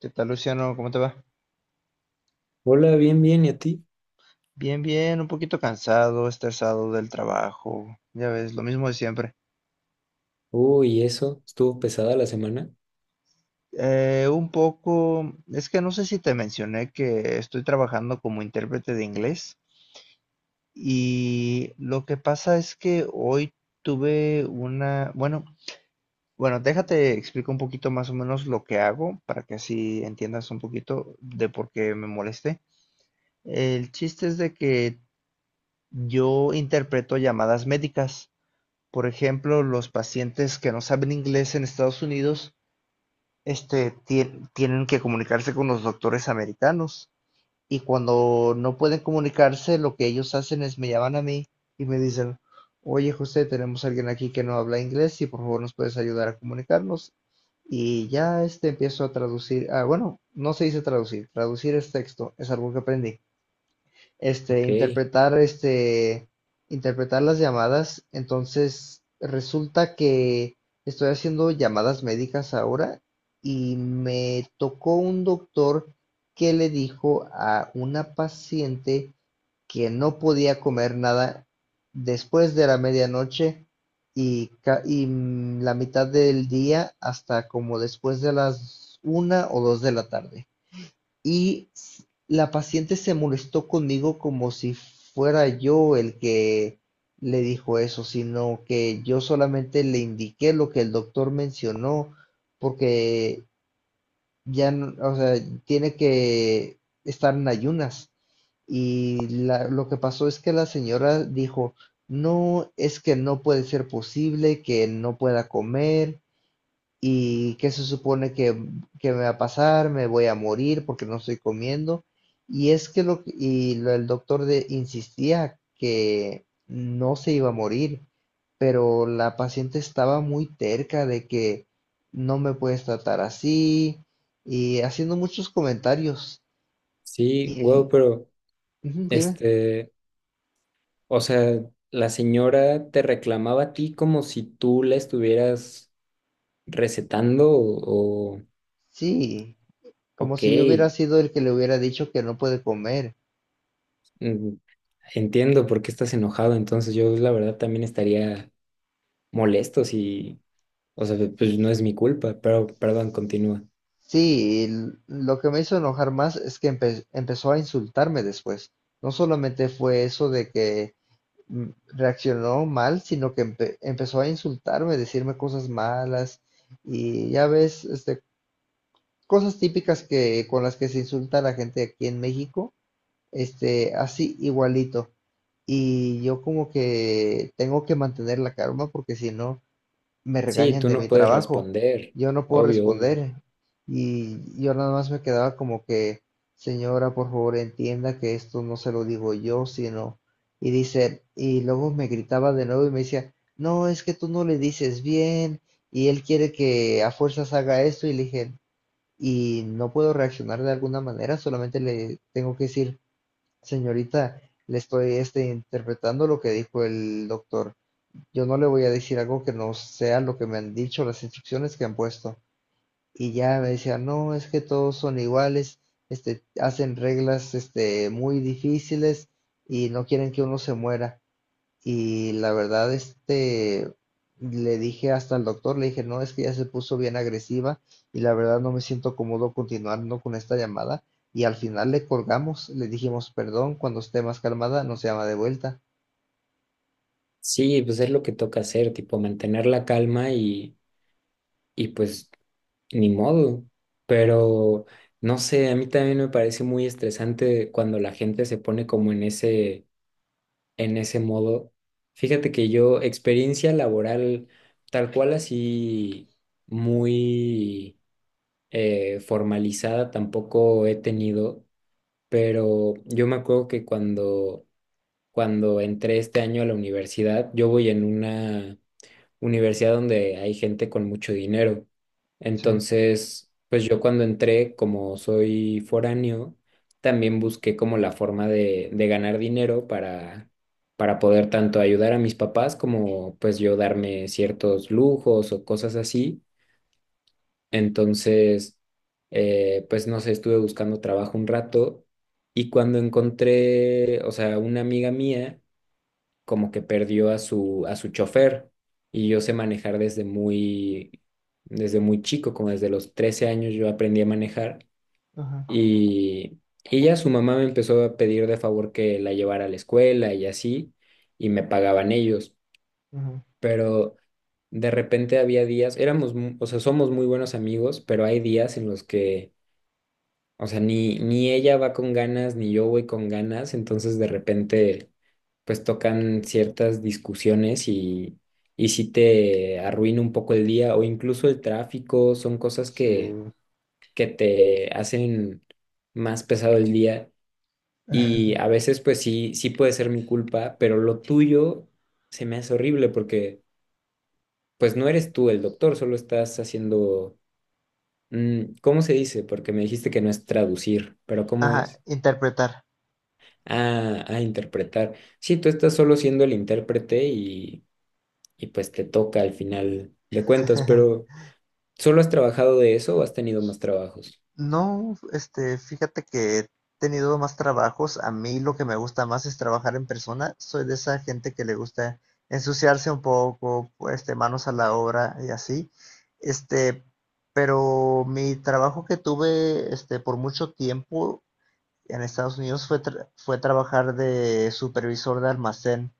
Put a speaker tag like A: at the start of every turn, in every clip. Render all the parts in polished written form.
A: ¿Qué tal, Luciano? ¿Cómo te va?
B: Hola, bien, bien, ¿y a ti?
A: Bien, bien, un poquito cansado, estresado del trabajo, ya ves, lo mismo de siempre.
B: Uy, eso, estuvo pesada la semana.
A: Un poco, es que no sé si te mencioné que estoy trabajando como intérprete de inglés y lo que pasa es que hoy tuve una, bueno, bueno, déjate explico un poquito más o menos lo que hago para que así entiendas un poquito de por qué me molesté. El chiste es de que yo interpreto llamadas médicas. Por ejemplo, los pacientes que no saben inglés en Estados Unidos, tienen que comunicarse con los doctores americanos. Y cuando no pueden comunicarse, lo que ellos hacen es me llaman a mí y me dicen, oye José, tenemos a alguien aquí que no habla inglés y por favor nos puedes ayudar a comunicarnos. Y ya empiezo a traducir. Bueno, no se dice traducir, traducir es texto, es algo que aprendí, este,
B: Ok,
A: interpretar, este, interpretar las llamadas. Entonces, resulta que estoy haciendo llamadas médicas ahora y me tocó un doctor que le dijo a una paciente que no podía comer nada después de la medianoche y la mitad del día hasta como después de las una o dos de la tarde. Y la paciente se molestó conmigo como si fuera yo el que le dijo eso, sino que yo solamente le indiqué lo que el doctor mencionó, porque ya, o sea, tiene que estar en ayunas. Y lo que pasó es que la señora dijo, no, es que no puede ser posible que no pueda comer, y qué se supone que me va a pasar, me voy a morir porque no estoy comiendo. Y es que el doctor insistía que no se iba a morir, pero la paciente estaba muy terca de que no me puedes tratar así y haciendo muchos comentarios.
B: sí, wow,
A: Y,
B: pero
A: ujú, dime.
B: este, o sea, la señora te reclamaba a ti como si tú la estuvieras recetando o.
A: Sí, como
B: Ok,
A: si yo hubiera sido el que le hubiera dicho que no puede comer.
B: mm, entiendo por qué estás enojado, entonces yo la verdad también estaría molesto si, o sea, pues no es mi culpa, pero perdón, continúa.
A: Sí, lo que me hizo enojar más es que empezó a insultarme después. No solamente fue eso de que reaccionó mal, sino que empezó a insultarme, decirme cosas malas, y ya ves, cosas típicas que con las que se insulta a la gente aquí en México, así igualito. Y yo como que tengo que mantener la calma, porque si no me
B: Sí,
A: regañan
B: tú
A: de
B: no
A: mi
B: puedes
A: trabajo.
B: responder,
A: Yo no puedo
B: obvio, obvio.
A: responder, y yo nada más me quedaba como que, señora, por favor, entienda que esto no se lo digo yo, sino... Y dice, y luego me gritaba de nuevo y me decía, no, es que tú no le dices bien y él quiere que a fuerzas haga esto, y le dije, y no puedo reaccionar de alguna manera, solamente le tengo que decir, señorita, le estoy, interpretando lo que dijo el doctor, yo no le voy a decir algo que no sea lo que me han dicho, las instrucciones que han puesto. Y ya me decía, no, es que todos son iguales, hacen reglas, muy difíciles y no quieren que uno se muera. Y la verdad, le dije hasta al doctor, le dije, no, es que ya se puso bien agresiva y la verdad no me siento cómodo continuando con esta llamada. Y al final le colgamos, le dijimos, perdón, cuando esté más calmada, no se llama de vuelta.
B: Sí, pues es lo que toca hacer, tipo mantener la calma y pues ni modo. Pero no sé, a mí también me parece muy estresante cuando la gente se pone como en en ese modo. Fíjate que yo, experiencia laboral tal cual así muy formalizada tampoco he tenido, pero yo me acuerdo que cuando entré este año a la universidad, yo voy en una universidad donde hay gente con mucho dinero.
A: Sí,
B: Entonces, pues yo cuando entré, como soy foráneo, también busqué como la forma de ganar dinero para poder tanto ayudar a mis papás como pues yo darme ciertos lujos o cosas así. Entonces, pues no sé, estuve buscando trabajo un rato y cuando encontré, o sea, una amiga mía, como que perdió a a su chofer y yo sé manejar desde desde muy chico, como desde los 13 años yo aprendí a manejar
A: ajá,
B: y, y ya su mamá me empezó a pedir de favor que la llevara a la escuela y así, y me pagaban ellos,
A: ajá.
B: pero de repente había días, o sea, somos muy buenos amigos, pero hay días en los que o sea, ni ella va con ganas, ni yo voy con ganas, entonces de repente pues tocan ciertas discusiones y sí te arruina un poco el día o incluso el tráfico, son cosas
A: Sí,
B: que te hacen más pesado el día y a veces pues sí, sí puede ser mi culpa, pero lo tuyo se me hace horrible porque pues no eres tú el doctor, solo estás haciendo, mm, ¿cómo se dice? Porque me dijiste que no es traducir, pero ¿cómo
A: ajá,
B: es?
A: interpretar.
B: A interpretar. Sí, tú estás solo siendo el intérprete y pues te toca al final de cuentas, pero ¿solo has trabajado de eso o has tenido más trabajos?
A: No, fíjate que he tenido más trabajos. A mí lo que me gusta más es trabajar en persona. Soy de esa gente que le gusta ensuciarse un poco, pues, manos a la obra y así. Este, pero mi trabajo que tuve, por mucho tiempo en Estados Unidos fue, fue trabajar de supervisor de almacén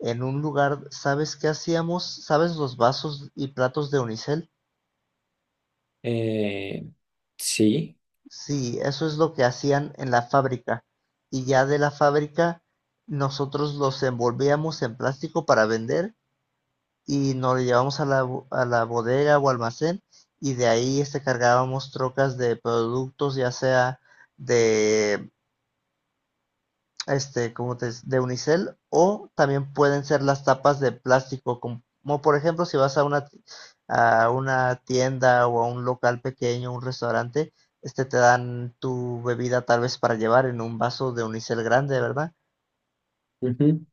A: en un lugar. ¿Sabes qué hacíamos? ¿Sabes los vasos y platos de unicel?
B: Eh, sí,
A: Sí, eso es lo que hacían en la fábrica, y ya de la fábrica nosotros los envolvíamos en plástico para vender y nos lo llevamos a la bodega o almacén, y de ahí, cargábamos trocas de productos, ya sea de como te de unicel, o también pueden ser las tapas de plástico, como por ejemplo si vas a una, tienda o a un local pequeño, un restaurante, te dan tu bebida tal vez para llevar en un vaso de unicel grande, ¿verdad?
B: ujú.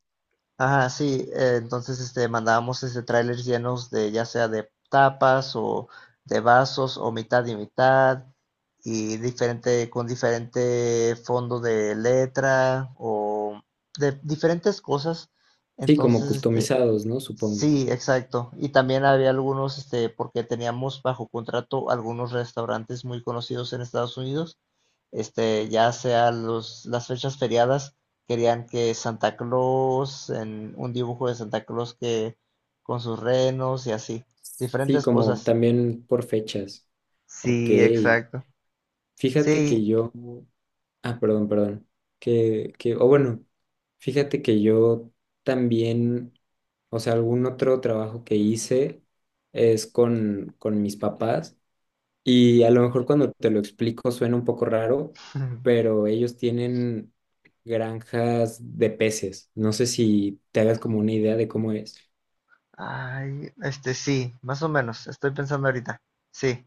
A: Ajá, sí, entonces, mandábamos, trailers llenos de ya sea de tapas o de vasos o mitad y mitad, y diferente, con diferente fondo de letra o de diferentes cosas.
B: Sí, como
A: Entonces,
B: customizados, ¿no? Supongo.
A: sí, exacto. Y también había algunos, porque teníamos bajo contrato algunos restaurantes muy conocidos en Estados Unidos. Ya sea las fechas feriadas, querían que Santa Claus, en un dibujo de Santa Claus que con sus renos y así,
B: Sí,
A: diferentes
B: como
A: cosas.
B: también por fechas. Ok,
A: Sí, exacto.
B: fíjate
A: Sí,
B: que yo, ah, perdón, perdón. O bueno, fíjate que yo también, o sea, algún otro trabajo que hice es con mis papás y a lo mejor cuando te lo explico suena un poco raro, pero ellos tienen granjas de peces. No sé si te hagas como una idea de cómo es.
A: ay, sí, más o menos, estoy pensando ahorita. Sí,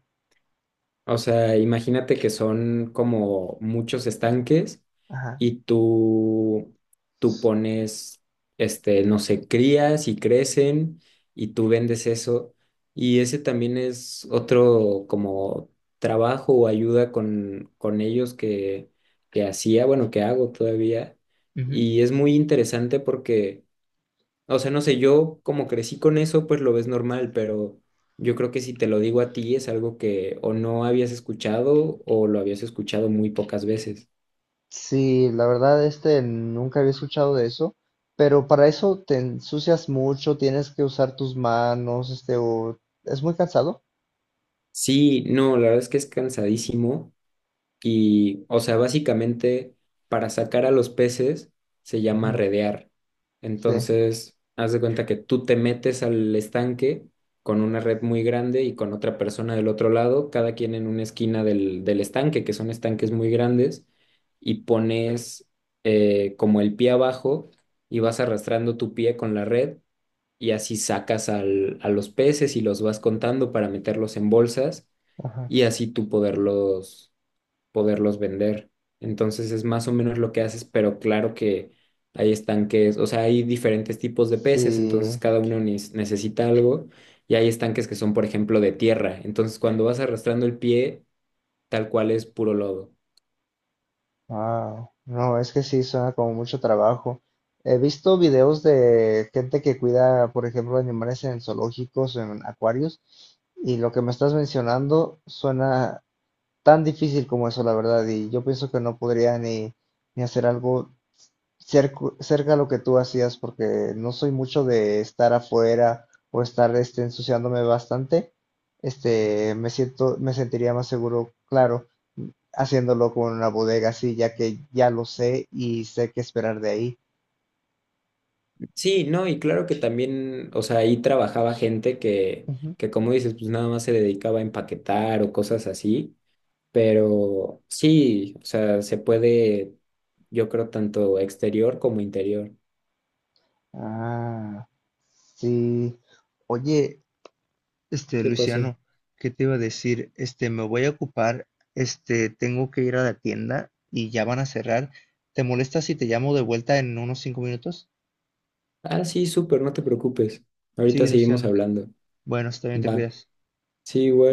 B: O sea, imagínate que son como muchos estanques
A: ajá.
B: y tú pones, este, no sé, crías y crecen y tú vendes eso. Y ese también es otro como trabajo o ayuda con ellos que hacía, bueno, que hago todavía.
A: Ujú.
B: Y es muy interesante porque o sea, no sé, yo como crecí con eso, pues lo ves normal, pero yo creo que si te lo digo a ti es algo que o no habías escuchado o lo habías escuchado muy pocas veces.
A: Sí, la verdad, nunca había escuchado de eso, pero para eso te ensucias mucho, tienes que usar tus manos, o es muy cansado.
B: Sí, no, la verdad es que es cansadísimo. Y, o sea, básicamente para sacar a los peces se llama
A: Ujú,
B: redear.
A: sí,
B: Entonces, haz de cuenta que tú te metes al estanque con una red muy grande y con otra persona del otro lado, cada quien en una esquina del estanque, que son estanques muy grandes, y pones como el pie abajo y vas arrastrando tu pie con la red y así sacas a los peces y los vas contando para meterlos en bolsas
A: ajá.
B: y así tú poderlos vender. Entonces es más o menos lo que haces, pero claro que hay estanques, o sea, hay diferentes tipos de peces, entonces
A: Sí,
B: cada uno necesita algo y hay estanques que son, por ejemplo, de tierra. Entonces cuando vas arrastrando el pie, tal cual es puro lodo.
A: wow. No, es que sí, suena como mucho trabajo. He visto videos de gente que cuida, por ejemplo, animales en zoológicos o en acuarios, y lo que me estás mencionando suena tan difícil como eso, la verdad, y yo pienso que no podría ni, hacer algo cerca a lo que tú hacías, porque no soy mucho de estar afuera o estar, ensuciándome bastante. Me siento, me sentiría más seguro, claro, haciéndolo con una bodega así, ya que ya lo sé y sé qué esperar de ahí.
B: Sí, no, y claro que también, o sea, ahí trabajaba gente
A: Ujú.
B: que como dices, pues nada más se dedicaba a empaquetar o cosas así, pero sí, o sea, se puede, yo creo, tanto exterior como interior.
A: Ah, sí. Oye,
B: ¿Qué pasó?
A: Luciano, ¿qué te iba a decir? Me voy a ocupar, tengo que ir a la tienda y ya van a cerrar. ¿Te molesta si te llamo de vuelta en unos 5 minutos?
B: Ah, sí, súper, no te preocupes. Ahorita
A: Sí,
B: seguimos
A: Luciano.
B: hablando.
A: Bueno, está bien, te
B: Va.
A: cuidas.
B: Sí, igual.